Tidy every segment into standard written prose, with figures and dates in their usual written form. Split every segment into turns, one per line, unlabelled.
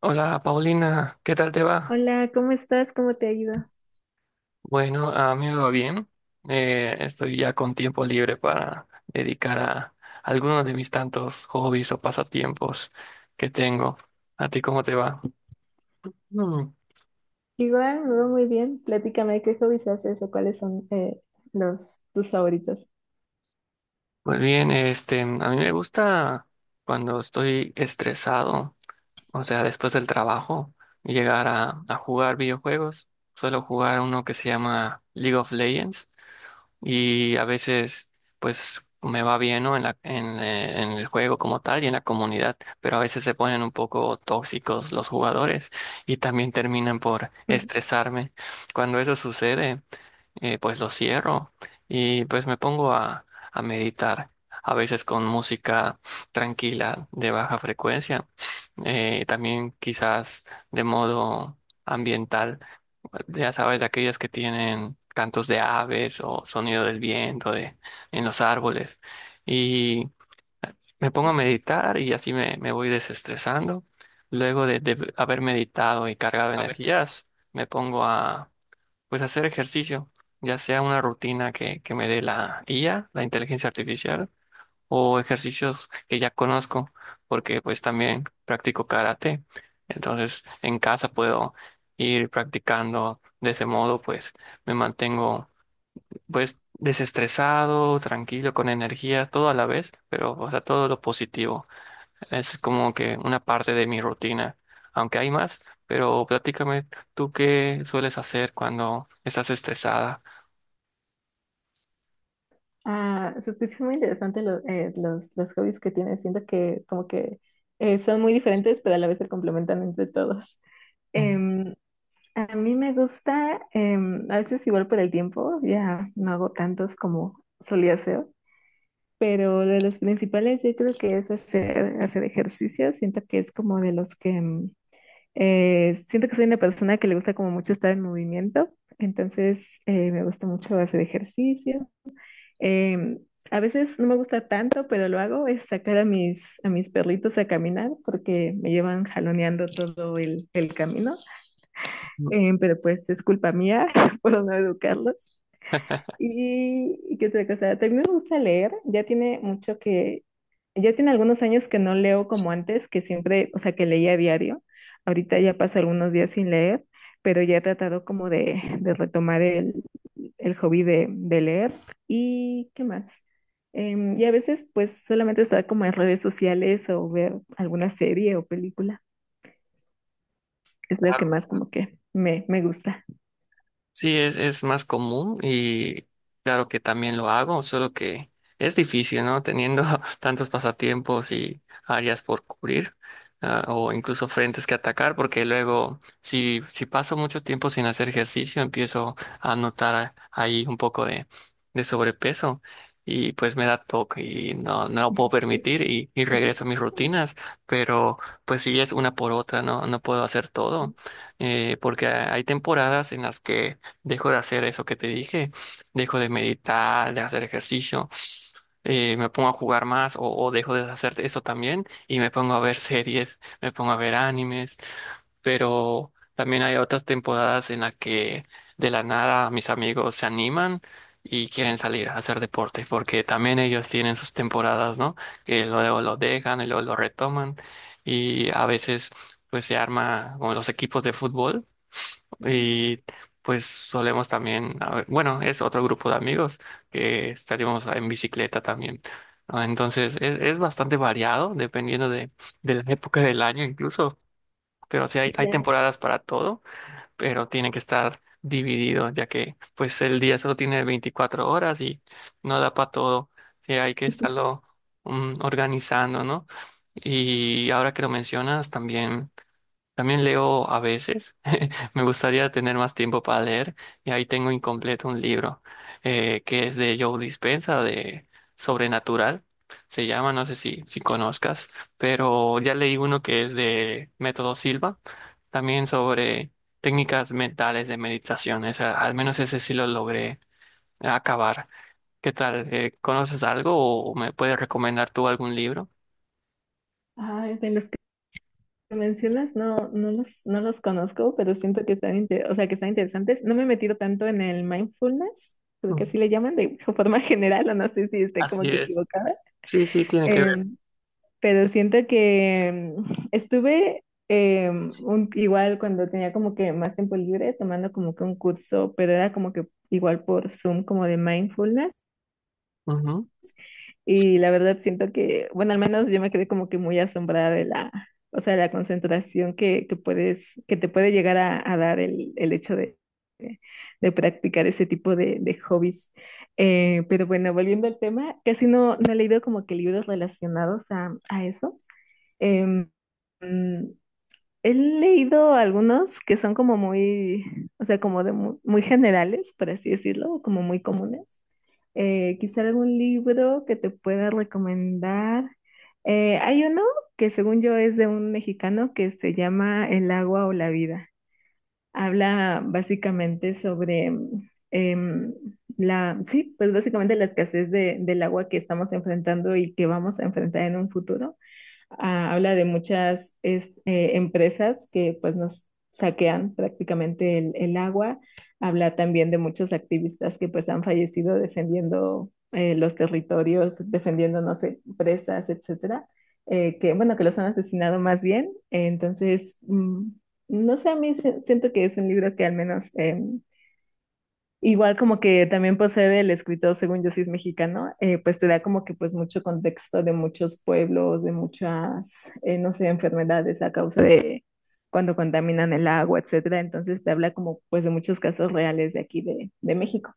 Hola Paulina, ¿qué tal te va?
Hola, ¿cómo estás? ¿Cómo te ha ido?
Bueno, a mí me va bien. Estoy ya con tiempo libre para dedicar a algunos de mis tantos hobbies o pasatiempos que tengo. ¿A ti cómo te va? Mm,
Igual, me va muy bien. Platícame qué hobbies haces o cuáles son los tus favoritos.
pues bien, este, a mí me gusta cuando estoy estresado, o sea, después del trabajo, llegar a jugar videojuegos. Suelo jugar uno que se llama League of Legends. Y a veces pues me va bien, ¿no? En el juego como tal y en la comunidad, pero a veces se ponen un poco tóxicos los jugadores y también terminan por estresarme. Cuando eso sucede, pues lo cierro y pues me pongo a meditar. A veces con música tranquila de baja frecuencia, también quizás de modo ambiental, ya sabes, de aquellas que tienen cantos de aves o sonido del viento de, en los árboles. Y me pongo a meditar y así me voy desestresando. Luego de haber meditado y cargado energías, me pongo a pues hacer ejercicio, ya sea una rutina que me dé la IA, la inteligencia artificial, o ejercicios que ya conozco, porque pues también practico karate. Entonces, en casa puedo ir practicando de ese modo, pues me mantengo pues desestresado, tranquilo, con energía, todo a la vez, pero o sea, todo lo positivo. Es como que una parte de mi rutina, aunque hay más, pero platícame, ¿tú qué sueles hacer cuando estás estresada?
Ah, se escucha muy interesante los hobbies que tienes. Siento que como que son muy diferentes, pero a la vez se complementan entre todos. Em, a mí me gusta, a veces igual por el tiempo, ya no hago tantos como solía hacer, pero de los principales yo creo que es hacer ejercicio. Siento que es como de los que. Siento que soy una persona que le gusta como mucho estar en movimiento, entonces me gusta mucho hacer ejercicio. Em, a veces no me gusta tanto, pero lo hago, es sacar a a mis perritos a caminar porque me llevan jaloneando todo el camino.
Mm.
Pero pues es culpa mía por no educarlos. ¿Y qué otra cosa? También me gusta leer, ya tiene mucho ya tiene algunos años que no leo como antes, que siempre, o sea, que leía a diario. Ahorita ya paso algunos días sin leer, pero ya he tratado como de retomar el hobby de leer. ¿Y qué más? Y a veces, pues, solamente estar como en redes sociales o ver alguna serie o película. Es lo que más como que me gusta.
Sí, es más común y claro que también lo hago, solo que es difícil, ¿no? Teniendo tantos pasatiempos y áreas por cubrir, ah, o incluso frentes que atacar, porque luego si paso mucho tiempo sin hacer ejercicio, empiezo a notar ahí un poco de sobrepeso y pues me da toque y no, no lo puedo permitir y regreso a mis rutinas, pero pues sí es una por otra, ¿no? No puedo hacer todo, porque hay temporadas en las que dejo de hacer eso que te dije, dejo de meditar, de hacer ejercicio, me pongo a jugar más o dejo de hacer eso también y me pongo a ver series, me pongo a ver animes, pero también hay otras temporadas en las que de la nada mis amigos se animan. Y quieren salir a hacer deporte, porque también ellos tienen sus temporadas, ¿no? Que luego lo dejan y luego lo retoman. Y a veces, pues se arma como los equipos de fútbol. Y pues solemos también, a ver, bueno, es otro grupo de amigos que estaríamos en bicicleta también. Ah, entonces, es bastante variado dependiendo de la época del año incluso. Pero sí hay
Ya.
temporadas para todo, pero tiene que estar dividido, ya que pues el día solo tiene 24 horas y no da para todo. Sí, hay que estarlo mm, organizando, ¿no? Y ahora que lo mencionas, también leo a veces. Me gustaría tener más tiempo para leer y ahí tengo incompleto un libro, que es de Joe Dispenza, de Sobrenatural. Se llama, no sé si, si conozcas, pero ya leí uno que es de Método Silva, también sobre técnicas mentales de meditación. Esa- al menos ese sí lo logré acabar. ¿Qué tal? ¿Conoces algo o me puedes recomendar tú algún libro?
Ay, de los que mencionas no, no los conozco, pero siento que están, o sea, que están interesantes. No me he metido tanto en el mindfulness, creo
Ujú.
que así le llaman de forma general, o no sé si esté
Así
como que
es.
equivocada. Sí.
Sí, sí, tiene que
Claro. Pero siento que estuve igual cuando tenía como que más tiempo libre tomando como que un curso, pero era como que igual por Zoom como de mindfulness.
ver.
Y la verdad siento que, bueno, al menos yo me quedé como que muy asombrada de o sea, la concentración que puedes, que te puede llegar a dar el hecho de, de practicar ese tipo de hobbies. Pero bueno, volviendo al tema, casi no he leído como que libros relacionados a esos. Em, He leído algunos que son como muy, o sea, como de muy generales, por así decirlo, o como muy comunes. Quizá algún libro que te pueda recomendar. Hay uno que según yo es de un mexicano que se llama El agua o la vida. Habla básicamente sobre sí, pues básicamente la escasez del agua que estamos enfrentando y que vamos a enfrentar en un futuro. Habla de muchas empresas que pues nos saquean prácticamente el agua, habla también de muchos activistas que pues han fallecido defendiendo los territorios, defendiendo, no sé, presas, etcétera, que bueno, que los han asesinado más bien, entonces, no sé, a mí siento que es un libro que al menos. Igual como que también posee el escritor, según yo sí es mexicano, pues te da como que pues mucho contexto de muchos pueblos, de muchas, no sé, enfermedades a causa de cuando contaminan el agua, etcétera. Entonces te habla como pues de muchos casos reales de aquí de México.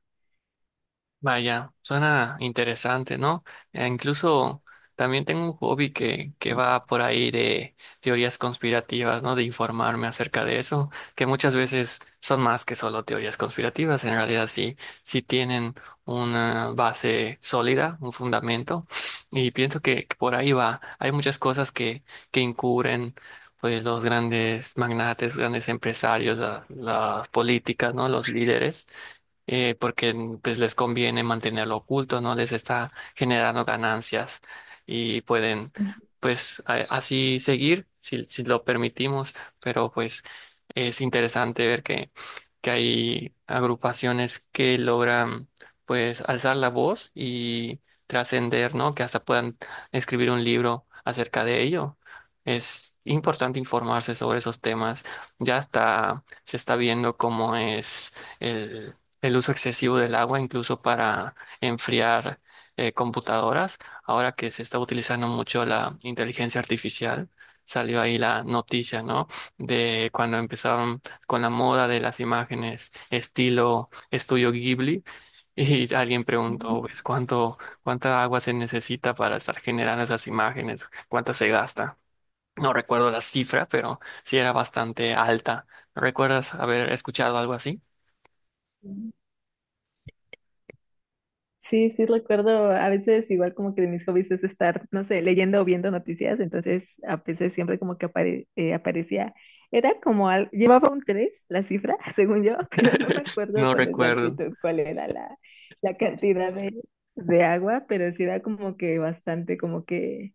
Vaya, suena interesante, ¿no? Incluso también tengo un hobby que va por ahí de teorías conspirativas, ¿no? De informarme acerca de eso, que muchas veces son más que solo teorías conspirativas, en realidad sí, sí tienen una base sólida, un fundamento, y pienso que por ahí va. Hay muchas cosas que encubren. Pues los grandes magnates, grandes empresarios, la- las políticas, ¿no? Los líderes, porque pues les conviene mantenerlo oculto, no les está generando ganancias y pueden pues así seguir si, si lo permitimos, pero pues es interesante ver que hay agrupaciones que logran pues alzar la voz y trascender, ¿no? Que hasta puedan escribir un libro acerca de ello. Es importante informarse sobre esos temas. Ya está, se está viendo cómo es el el uso excesivo del agua, incluso para enfriar computadoras. Ahora que se está utilizando mucho la inteligencia artificial, salió ahí la noticia, ¿no? De cuando empezaron con la moda de las imágenes estilo estudio Ghibli. Y alguien
Ujú.
preguntó, pues, ¿cuánto, cuánta agua se necesita para estar generando esas imágenes? ¿Cuánta se gasta? No recuerdo la cifra, pero sí era bastante alta. ¿Recuerdas haber escuchado algo así?
Sí, sí recuerdo, a veces igual como que de mis hobbies es estar, no sé, leyendo o viendo noticias, entonces a veces siempre como que aparecía, era como, llevaba un 3 la cifra, según yo, pero no me acuerdo
No
con
recuerdo.
exactitud cuál era la cantidad de agua, pero sí era como que bastante, como que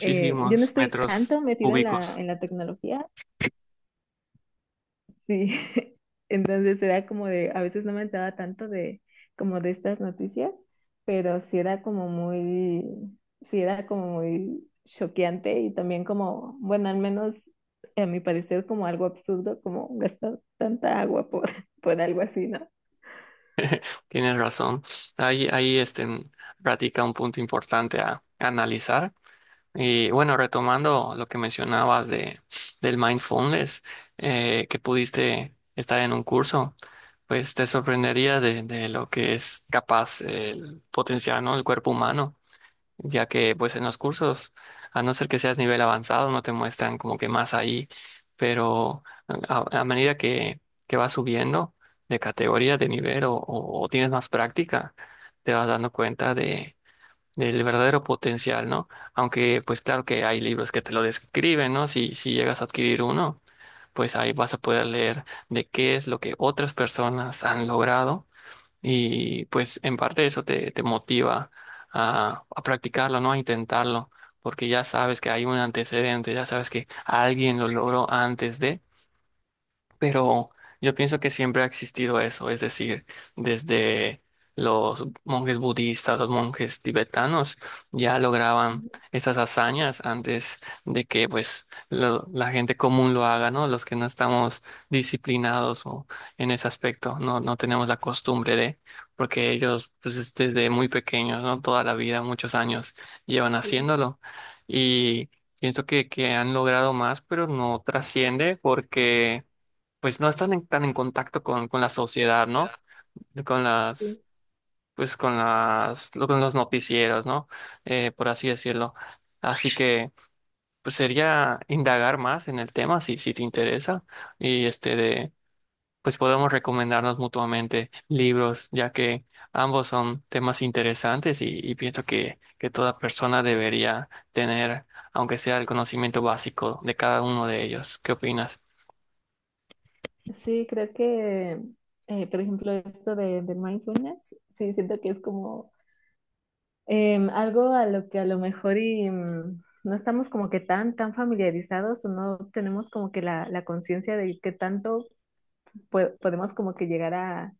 yo no estoy tanto
metros
metida en
cúbicos,
en la tecnología. Sí. Entonces era como de, a veces no me enteraba tanto de como de estas noticias, pero sí era como muy, sí era como muy choqueante y también como, bueno, al menos a mi parecer como algo absurdo, como gastar tanta agua por, por algo así, ¿no?
tienes razón. Ahí, ahí este, radica un punto importante a analizar. Y bueno, retomando lo que mencionabas de, del mindfulness, que pudiste estar en un curso, pues te sorprendería de lo que es capaz el potenciar, ¿no?, el cuerpo humano. Ya que pues en los cursos, a no ser que seas nivel avanzado, no te muestran como que más ahí, pero a medida que vas subiendo de categoría, de nivel o tienes más práctica, te vas dando cuenta de, del verdadero potencial, ¿no? Aunque pues claro que hay libros que te lo describen, ¿no? Si, si llegas a adquirir uno, pues ahí vas a poder leer de qué es lo que otras personas han logrado y pues en parte eso te motiva a practicarlo, ¿no? A intentarlo, porque ya sabes que hay un antecedente, ya sabes que alguien lo logró antes de... Pero yo pienso que siempre ha existido eso, es decir, desde los monjes budistas, los monjes tibetanos ya lograban
Ujú.
esas hazañas antes de que pues lo- la gente común lo haga, ¿no? Los que no estamos disciplinados o en ese aspecto, no, no tenemos la costumbre de, porque ellos pues es desde muy pequeños, ¿no? Toda la vida, muchos años llevan
Sí,
haciéndolo y pienso que han logrado más, pero no trasciende porque pues no están en- tan en contacto con la sociedad, ¿no? Con las,
sí.
pues con las, lo- con los noticieros, ¿no? Por así decirlo. Así que, pues sería indagar más en el tema si, si te interesa y este de, pues podemos recomendarnos mutuamente libros, ya que ambos son temas interesantes y pienso que toda persona debería tener, aunque sea el conocimiento básico de cada uno de ellos. ¿Qué opinas?
Sí, creo que, por ejemplo, esto del mindfulness, sí, siento que es como… algo a lo que a lo mejor no estamos como que tan familiarizados o no tenemos como que la conciencia de qué tanto podemos como que llegar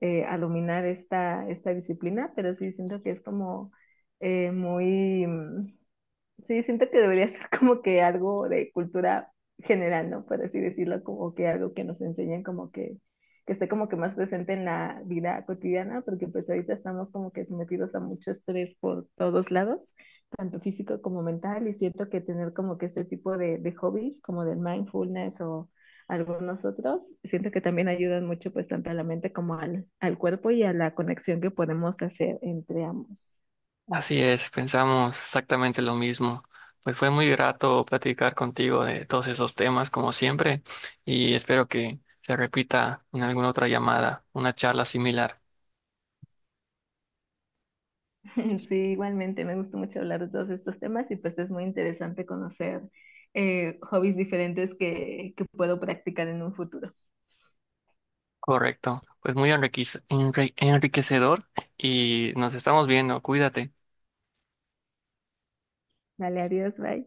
a dominar esta disciplina, pero sí siento que es como eh, muy, mm, sí, siento que debería ser como que algo de cultura general, ¿no? Por así decirlo, como que algo que nos enseñen como que esté como que más presente en la vida cotidiana, porque pues ahorita estamos como que sometidos a mucho estrés por todos lados, tanto físico como mental, y siento que tener como que este tipo de hobbies, como del mindfulness o algunos otros, siento que también ayudan mucho pues tanto a la mente como al cuerpo y a la conexión que podemos hacer entre ambos.
Así es, pensamos exactamente lo mismo. Pues fue muy grato platicar contigo de todos esos temas, como siempre, y espero que se repita en alguna otra llamada, una charla similar.
Sí, igualmente, me gusta mucho hablar de todos estos temas y pues es muy interesante conocer hobbies diferentes que puedo practicar en un futuro.
Correcto. Pues muy enriquec- enri- enriquecedor y nos estamos viendo. Cuídate.
Vale, adiós, bye.